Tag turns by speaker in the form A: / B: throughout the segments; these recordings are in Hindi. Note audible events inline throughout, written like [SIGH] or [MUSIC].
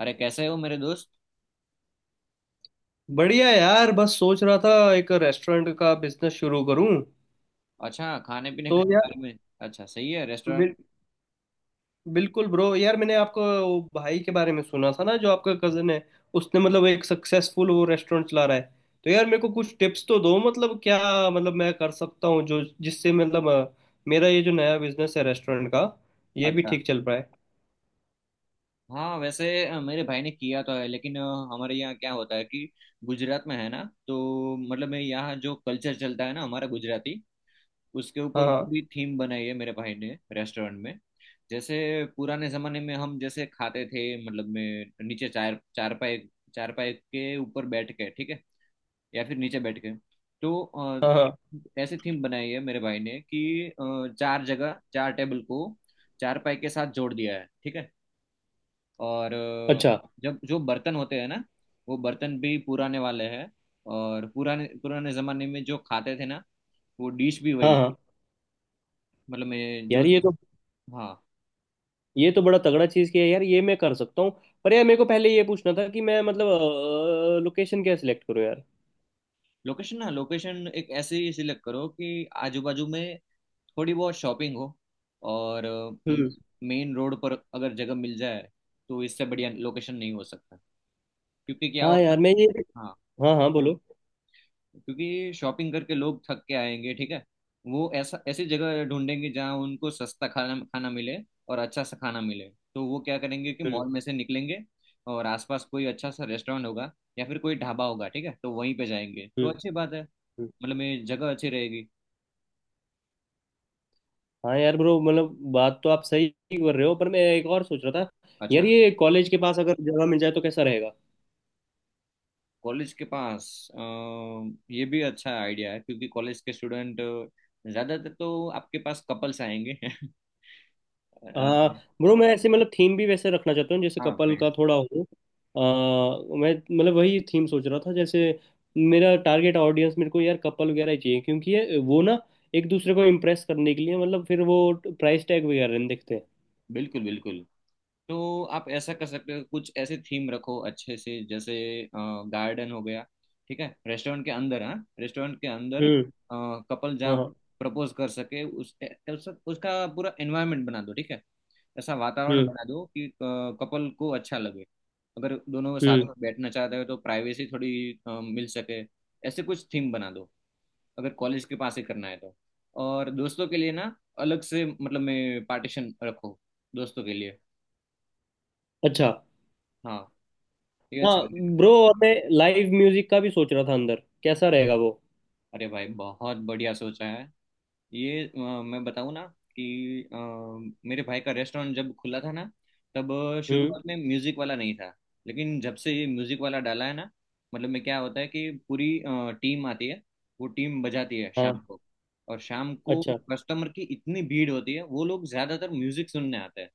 A: अरे कैसे हो मेरे दोस्त?
B: बढ़िया यार, बस सोच रहा था एक रेस्टोरेंट का बिजनेस शुरू करूं।
A: अच्छा, खाने पीने
B: तो
A: के
B: यार
A: बारे में। अच्छा सही है, रेस्टोरेंट।
B: बिल, बिल्कुल ब्रो, यार मैंने आपको वो भाई के बारे में सुना था ना जो आपका कजन है। उसने मतलब एक सक्सेसफुल वो रेस्टोरेंट चला रहा है। तो यार मेरे को कुछ टिप्स तो दो, मतलब क्या मतलब मैं कर सकता हूँ जो जिससे मतलब मेरा ये जो नया बिजनेस है रेस्टोरेंट का, ये भी
A: अच्छा।
B: ठीक चल पाए।
A: हाँ वैसे मेरे भाई ने किया तो है, लेकिन हमारे यहाँ क्या होता है कि गुजरात में है ना, तो मतलब मेरे यहाँ जो कल्चर चलता है ना हमारा गुजराती, उसके
B: हाँ
A: ऊपर
B: हाँ।
A: पूरी थीम बनाई है मेरे भाई ने रेस्टोरेंट में। जैसे पुराने जमाने में हम जैसे खाते थे, मतलब में नीचे चार चारपाई। चारपाई के ऊपर बैठ के, ठीक है, या फिर नीचे बैठ के। तो
B: हाँ हाँ।
A: ऐसे थीम बनाई है मेरे भाई ने कि चार जगह चार टेबल को चारपाई के साथ जोड़ दिया है, ठीक है। और
B: अच्छा।
A: जब जो बर्तन होते हैं ना, वो बर्तन भी पुराने वाले हैं। और पुराने पुराने जमाने में जो खाते थे ना, वो डिश भी
B: हाँ
A: वही।
B: हाँ।
A: मतलब मैं जो…
B: यार ये तो,
A: हाँ।
B: ये तो बड़ा तगड़ा चीज किया यार, ये मैं कर सकता हूँ। पर यार मेरे को पहले ये पूछना था कि मैं मतलब लोकेशन क्या सिलेक्ट करूँ यार।
A: लोकेशन ना, लोकेशन एक ऐसी सिलेक्ट करो कि आजू बाजू में थोड़ी बहुत शॉपिंग हो, और
B: हम्म।
A: मेन रोड पर अगर जगह मिल जाए तो इससे बढ़िया लोकेशन नहीं हो सकता। क्योंकि क्या
B: हाँ यार
A: होगा…
B: मैं ये।
A: हाँ।
B: हाँ हाँ, बोलो।
A: क्योंकि शॉपिंग करके लोग थक के आएंगे, ठीक है। वो ऐसा ऐसी जगह ढूंढेंगे जहाँ उनको सस्ता खाना खाना मिले और अच्छा सा खाना मिले। तो वो क्या करेंगे कि
B: हम्म।
A: मॉल में से निकलेंगे, और आसपास कोई अच्छा सा रेस्टोरेंट होगा या फिर कोई ढाबा होगा, ठीक है, तो वहीं पे जाएंगे। तो
B: हम्म।
A: अच्छी बात है,
B: हम्म।
A: मतलब ये जगह अच्छी रहेगी।
B: हाँ यार ब्रो, मतलब बात तो आप सही कर रहे हो, पर मैं एक और सोच रहा था यार,
A: अच्छा।
B: ये कॉलेज के पास अगर जगह मिल जाए तो कैसा रहेगा।
A: कॉलेज के पास अ, ये भी अच्छा आइडिया है, क्योंकि कॉलेज के स्टूडेंट, ज़्यादातर तो आपके पास कपल्स आएंगे [LAUGHS] अ,
B: हाँ ब्रो, मैं ऐसे मतलब थीम भी वैसे रखना चाहता हूँ जैसे
A: हाँ,
B: कपल
A: फ्रेंड्स।
B: का थोड़ा हो। आ, मैं मतलब वही थीम सोच रहा था। जैसे मेरा टारगेट ऑडियंस, मेरे को यार कपल वगैरह ही चाहिए क्योंकि वो ना एक दूसरे को इम्प्रेस करने के लिए, मतलब फिर वो प्राइस टैग वगैरह नहीं देखते।
A: बिल्कुल बिल्कुल। तो आप ऐसा कर सकते हो, कुछ ऐसे थीम रखो अच्छे से, जैसे गार्डन हो गया, ठीक है, रेस्टोरेंट के अंदर। हाँ, रेस्टोरेंट के अंदर
B: हम्म।
A: कपल जहाँ
B: हाँ हाँ।
A: प्रपोज कर सके, उस उसका पूरा एनवायरनमेंट बना दो, ठीक है। ऐसा वातावरण
B: हम्म।
A: बना दो कि कपल को अच्छा लगे। अगर दोनों
B: हम्म।
A: साथ में बैठना चाहते हो तो प्राइवेसी थोड़ी मिल सके, ऐसे कुछ थीम बना दो, अगर कॉलेज के पास ही करना है तो। और दोस्तों के लिए ना अलग से, मतलब मैं पार्टीशन रखो दोस्तों के लिए।
B: अच्छा।
A: हाँ, ये अच्छा
B: हाँ
A: लगेगा।
B: ब्रो, और मैं लाइव म्यूजिक का भी सोच रहा था अंदर, कैसा रहेगा वो।
A: अरे भाई बहुत बढ़िया सोचा है ये। मैं बताऊँ ना कि मेरे भाई का रेस्टोरेंट जब खुला था ना, तब
B: हम्म।
A: शुरुआत में म्यूजिक वाला नहीं था। लेकिन जब से ये म्यूजिक वाला डाला है ना, मतलब में क्या होता है कि पूरी टीम आती है, वो टीम बजाती है शाम
B: हाँ।
A: को। और शाम को
B: अच्छा।
A: कस्टमर की इतनी भीड़ होती है, वो लोग ज्यादातर म्यूजिक सुनने आते हैं।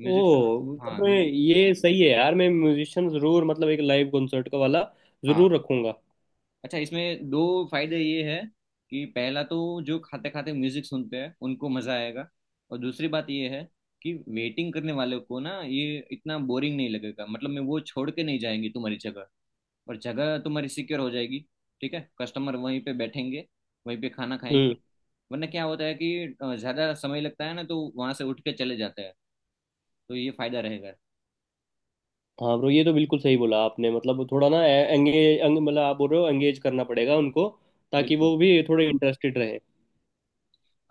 A: म्यूजिक।
B: ओ,
A: हाँ,
B: तब तो
A: म्यूजिक।
B: ये सही है यार। मैं म्यूजिशियन जरूर, मतलब एक लाइव कॉन्सर्ट का वाला
A: हाँ।
B: जरूर रखूंगा।
A: अच्छा, इसमें दो फायदे ये है कि पहला तो जो खाते खाते म्यूजिक सुनते हैं उनको मजा आएगा। और दूसरी बात ये है कि वेटिंग करने वालों को ना ये इतना बोरिंग नहीं लगेगा, मतलब मैं वो छोड़ के नहीं जाएंगे तुम्हारी जगह, और जगह तुम्हारी सिक्योर हो जाएगी, ठीक है। कस्टमर वहीं पे बैठेंगे, वहीं पे खाना खाएंगे।
B: हम्म।
A: वरना क्या होता है कि ज्यादा समय लगता है ना, तो वहां से उठ के चले जाते हैं। तो ये फायदा रहेगा।
B: हाँ ब्रो, ये तो बिल्कुल सही बोला आपने, मतलब थोड़ा ना एंगेज मतलब आप बोल रहे हो एंगेज करना पड़ेगा उनको, ताकि
A: बिल्कुल।
B: वो भी थोड़े इंटरेस्टेड रहे।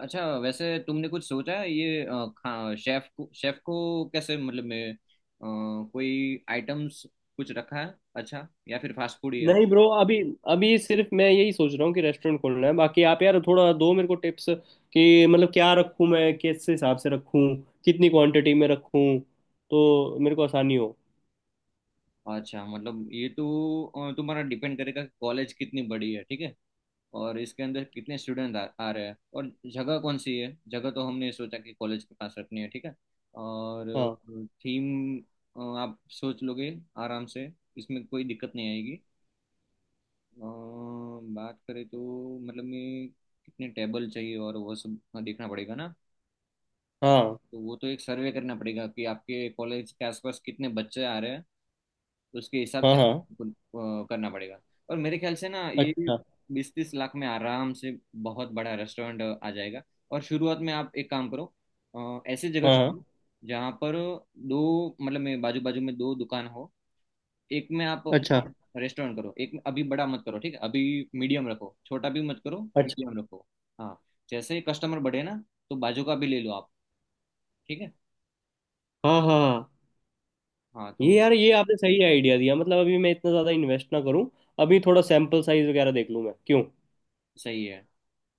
A: अच्छा वैसे तुमने कुछ सोचा है ये खा शेफ को, कैसे, मतलब मैं कोई आइटम्स कुछ रखा है अच्छा, या फिर फास्ट फूड ही है।
B: नहीं ब्रो, अभी अभी सिर्फ मैं यही सोच रहा हूँ कि रेस्टोरेंट खोलना है। बाकी आप यार थोड़ा दो मेरे को टिप्स कि मतलब क्या रखूँ मैं, किस हिसाब से रखूँ, कितनी क्वांटिटी में रखूँ, तो मेरे को आसानी हो।
A: अच्छा, मतलब ये तो तुम्हारा डिपेंड करेगा कि कॉलेज कितनी बड़ी है, ठीक है, और इसके अंदर कितने स्टूडेंट आ रहे हैं, और जगह कौन सी है, जगह तो हमने सोचा कि कॉलेज के पास रखनी है, ठीक है। और
B: हाँ
A: थीम आप सोच लोगे आराम से, इसमें कोई दिक्कत नहीं आएगी। बात करें तो, मतलब मैं कितने टेबल चाहिए और वो सब देखना पड़ेगा ना,
B: हाँ
A: तो वो तो एक सर्वे करना पड़ेगा कि आपके कॉलेज के आसपास कितने बच्चे आ रहे हैं, उसके हिसाब
B: हाँ
A: से
B: हाँ।
A: आपको करना पड़ेगा। और मेरे ख्याल से ना ये
B: अच्छा।
A: 20-30 लाख में आराम से बहुत बड़ा रेस्टोरेंट आ जाएगा। और शुरुआत में आप एक काम करो, ऐसी जगह
B: हाँ हाँ।
A: चुनो जहाँ पर दो मतलब मैं बाजू बाजू में दो दुकान हो। एक में आप
B: अच्छा।
A: अपना रेस्टोरेंट करो, एक में अभी बड़ा मत करो, ठीक है, अभी मीडियम रखो, छोटा भी मत करो।
B: अच्छा।
A: मीडियम रखो। हाँ, जैसे कस्टमर बढ़े ना तो बाजू का भी ले लो आप, ठीक है।
B: हाँ हाँ हाँ।
A: हाँ तो
B: ये
A: ये
B: यार, ये आपने सही आइडिया दिया मतलब अभी मैं इतना ज़्यादा इन्वेस्ट ना करूं, अभी थोड़ा सैंपल साइज वगैरह देख लूं मैं क्यों।
A: सही है,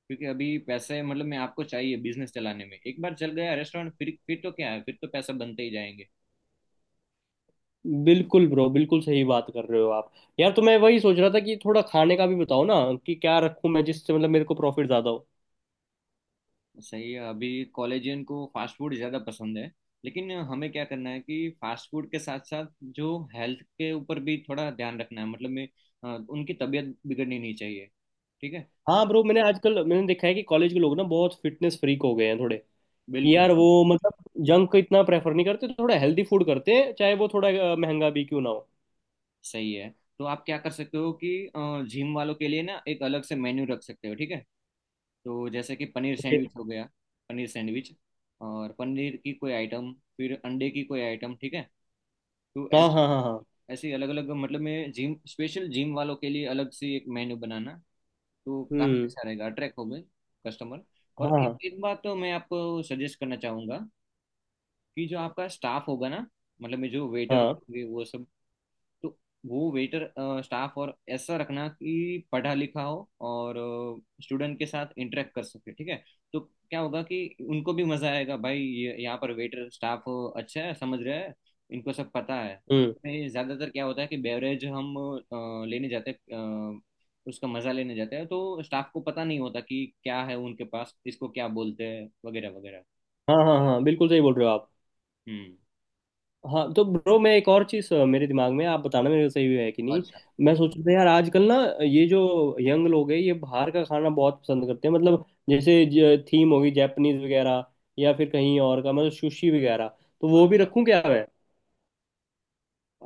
A: क्योंकि अभी पैसे मतलब मैं आपको चाहिए बिजनेस चलाने में। एक बार चल गया रेस्टोरेंट फिर तो क्या है, फिर तो पैसा बनते ही जाएंगे।
B: बिल्कुल ब्रो, बिल्कुल सही बात कर रहे हो आप। यार तो मैं वही सोच रहा था कि थोड़ा खाने का भी बताओ ना, कि क्या रखूं मैं जिससे मतलब मेरे को प्रॉफिट ज़्यादा हो।
A: सही है। अभी कॉलेजियन को फास्ट फूड ज़्यादा पसंद है, लेकिन हमें क्या करना है कि फास्ट फूड के साथ साथ जो हेल्थ के ऊपर भी थोड़ा ध्यान रखना है, मतलब में उनकी तबीयत बिगड़नी नहीं चाहिए, ठीक है।
B: हाँ ब्रो, मैंने आजकल मैंने देखा है कि कॉलेज के लोग ना बहुत फिटनेस फ्रीक हो गए हैं थोड़े। कि
A: बिल्कुल।
B: यार वो मतलब जंक इतना प्रेफर नहीं करते, थोड़ा हेल्दी फूड करते हैं, चाहे वो थोड़ा महंगा भी क्यों ना हो।
A: सही है, तो आप क्या कर सकते हो कि जिम वालों के लिए ना एक अलग से मेन्यू रख सकते हो, ठीक है। तो जैसे कि पनीर
B: ओके।
A: सैंडविच हो गया, पनीर सैंडविच और पनीर की कोई आइटम, फिर अंडे की कोई आइटम, ठीक है, तो
B: हाँ हाँ
A: ऐसे
B: हाँ हाँ।
A: ऐसे ही अलग अलग, मतलब मैं जिम स्पेशल, जिम वालों के लिए अलग से एक मेन्यू बनाना तो काफ़ी
B: हम्म।
A: अच्छा रहेगा, अट्रैक्ट होंगे कस्टमर।
B: हाँ
A: और
B: हाँ
A: एक बात तो मैं आपको सजेस्ट करना चाहूँगा कि जो आपका स्टाफ होगा ना, मतलब में जो वेटर
B: हाँ।
A: होंगे वो सब, तो वो वेटर स्टाफ और ऐसा रखना कि पढ़ा लिखा हो और स्टूडेंट के साथ इंटरेक्ट कर सके, ठीक है। तो क्या होगा कि उनको भी मजा आएगा, भाई ये यहाँ पर वेटर स्टाफ अच्छा है, समझ रहा है, इनको सब पता है।
B: हम्म।
A: इसमें ज्यादातर क्या होता है कि बेवरेज हम लेने जाते हैं, उसका मजा लेने जाते हैं, तो स्टाफ को पता नहीं होता कि क्या है उनके पास, इसको क्या बोलते हैं वगैरह वगैरह।
B: हाँ हाँ हाँ, बिल्कुल सही बोल रहे हो आप।
A: हम्म।
B: हाँ तो ब्रो, मैं एक और चीज़ मेरे दिमाग में, आप बताना मेरे को सही है कि नहीं। मैं सोच रहा था यार आजकल ना, ये जो यंग लोग हैं ये बाहर का खाना बहुत पसंद करते हैं, मतलब जैसे थीम होगी जापानीज वगैरह, या फिर कहीं और का, मतलब सुशी वगैरह, तो वो भी
A: अच्छा।
B: रखूं क्या मैं।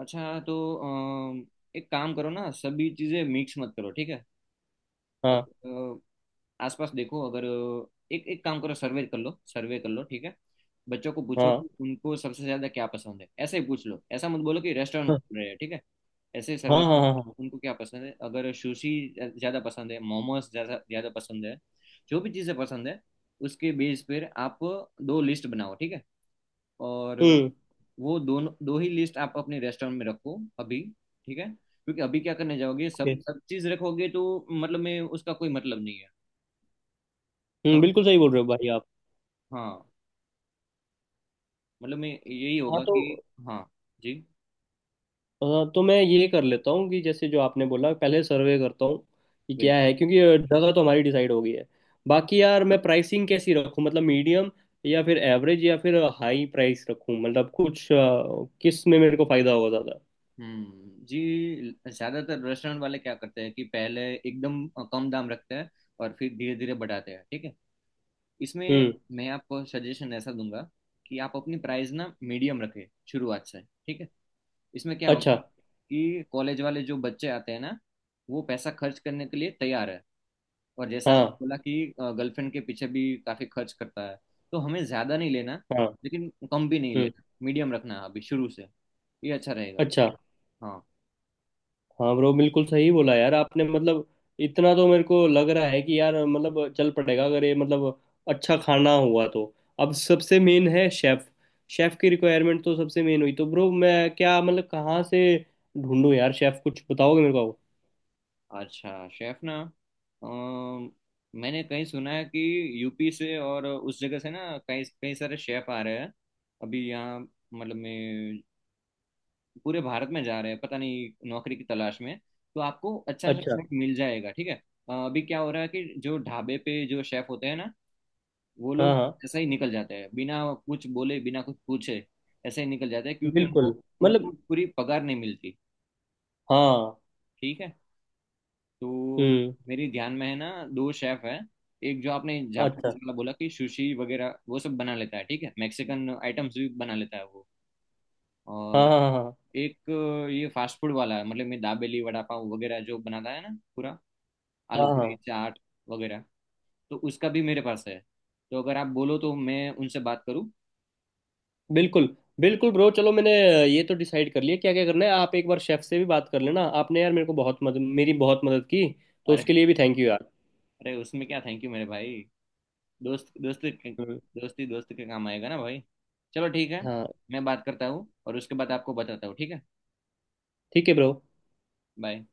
A: अच्छा तो एक काम करो ना, सभी चीज़ें मिक्स मत करो, ठीक है।
B: हाँ
A: अगर अ, आसपास देखो, अगर एक एक काम करो, सर्वे कर लो, सर्वे कर लो, ठीक है। बच्चों को पूछो
B: हाँ
A: कि उनको सबसे ज़्यादा क्या पसंद है, ऐसे ही पूछ लो, ऐसा मत बोलो कि रेस्टोरेंट
B: हाँ
A: खुल रहे हैं, ठीक है। ऐसे
B: हाँ।
A: सर्वे
B: हाँ
A: करो
B: हाँ हाँ।
A: उनको क्या पसंद है, अगर सुशी ज़्यादा पसंद है, मोमोज ज़्यादा ज़्यादा पसंद है, जो भी चीज़ें पसंद है उसके बेस पर आप दो लिस्ट बनाओ, ठीक है। और
B: हम्म।
A: वो दोनों, दो ही लिस्ट आप अपने रेस्टोरेंट में रखो अभी, ठीक है। क्योंकि अभी क्या करने जाओगे, सब
B: okay,
A: सब चीज़ रखोगे तो मतलब में उसका कोई मतलब नहीं है।
B: हम्म,
A: समझ रहे
B: बिल्कुल सही बोल रहे हो भाई आप।
A: हो? हाँ, मतलब में यही
B: हाँ
A: होगा
B: तो,
A: कि… हाँ जी।
B: हाँ तो मैं ये कर लेता हूँ कि जैसे जो आपने बोला पहले सर्वे करता हूँ कि क्या
A: बिल्कुल।
B: है, क्योंकि जगह तो हमारी डिसाइड हो गई है। बाकी यार मैं प्राइसिंग कैसी रखूँ, मतलब मीडियम या फिर एवरेज या फिर हाई प्राइस रखूँ, मतलब कुछ किस में मेरे को फायदा होगा ज़्यादा।
A: जी। ज़्यादातर रेस्टोरेंट वाले क्या करते हैं कि पहले एकदम कम दाम रखते हैं, और फिर धीरे धीरे बढ़ाते हैं, ठीक है। इसमें
B: हम्म।
A: मैं आपको सजेशन ऐसा दूंगा कि आप अपनी प्राइस ना मीडियम रखें शुरुआत से, ठीक है। इसमें क्या
B: अच्छा।
A: होगा कि कॉलेज वाले जो बच्चे आते हैं ना, वो पैसा खर्च करने के लिए तैयार है। और जैसा आपने
B: हाँ
A: बोला कि गर्लफ्रेंड के पीछे भी काफी खर्च करता है, तो हमें ज्यादा नहीं लेना,
B: हाँ।
A: लेकिन कम भी नहीं
B: हम्म।
A: लेना, मीडियम रखना है अभी शुरू से। ये अच्छा रहेगा।
B: अच्छा।
A: हाँ।
B: हाँ ब्रो, बिल्कुल सही बोला यार आपने, मतलब इतना तो मेरे को लग रहा है कि यार मतलब चल पड़ेगा, अगर ये मतलब अच्छा खाना हुआ तो। अब सबसे मेन है शेफ, शेफ की रिक्वायरमेंट तो सबसे मेन हुई। तो ब्रो मैं क्या मतलब कहाँ से ढूंढूं यार शेफ, कुछ बताओगे मेरे को।
A: अच्छा, शेफ ना, अम, मैंने कहीं सुना है कि यूपी से और उस जगह से ना कई कई सारे शेफ आ रहे हैं अभी यहाँ, मतलब मैं पूरे भारत में जा रहे हैं, पता नहीं, नौकरी की तलाश में। तो आपको अच्छा सा
B: अच्छा।
A: शेफ मिल जाएगा, ठीक है। अभी क्या हो रहा है कि जो ढाबे पे जो शेफ होते हैं ना, वो
B: हाँ
A: लोग
B: हाँ।
A: ऐसे ही निकल जाते हैं बिना कुछ बोले बिना कुछ पूछे, ऐसे ही निकल जाते हैं, क्योंकि
B: बिल्कुल।
A: उनको उनको
B: मतलब
A: पूरी पगार नहीं मिलती,
B: हाँ।
A: ठीक है। तो
B: हम्म।
A: मेरी ध्यान में है ना, दो शेफ है। एक, जो आपने जापानीज
B: अच्छा।
A: वाला बोला कि सुशी वगैरह वो सब बना लेता है, ठीक है, मैक्सिकन आइटम्स भी बना लेता है वो।
B: हाँ
A: और
B: हाँ हाँ
A: एक ये फास्ट फूड वाला है, मतलब मैं दाबेली वड़ा पाव वगैरह जो बनाता है ना पूरा,
B: हाँ।
A: आलू
B: हाँ
A: पूरी
B: हाँ।
A: चाट वगैरह। तो उसका भी मेरे पास है। तो अगर आप बोलो तो मैं उनसे बात करूँ।
B: बिल्कुल, बिल्कुल ब्रो। चलो मैंने ये तो डिसाइड कर लिया क्या क्या करना है। आप एक बार शेफ से भी बात कर लेना। आपने यार मेरे को बहुत मदद, मेरी बहुत मदद की, तो
A: अरे,
B: उसके लिए भी थैंक यू यार।
A: अरे उसमें क्या थैंक यू मेरे भाई। दोस्त दोस्त,
B: हम्म।
A: दोस्ती दोस्त के काम आएगा ना भाई। चलो ठीक है,
B: हाँ।
A: मैं बात करता हूँ और उसके बाद आपको बताता हूँ, ठीक है।
B: ठीक है ब्रो।
A: बाय।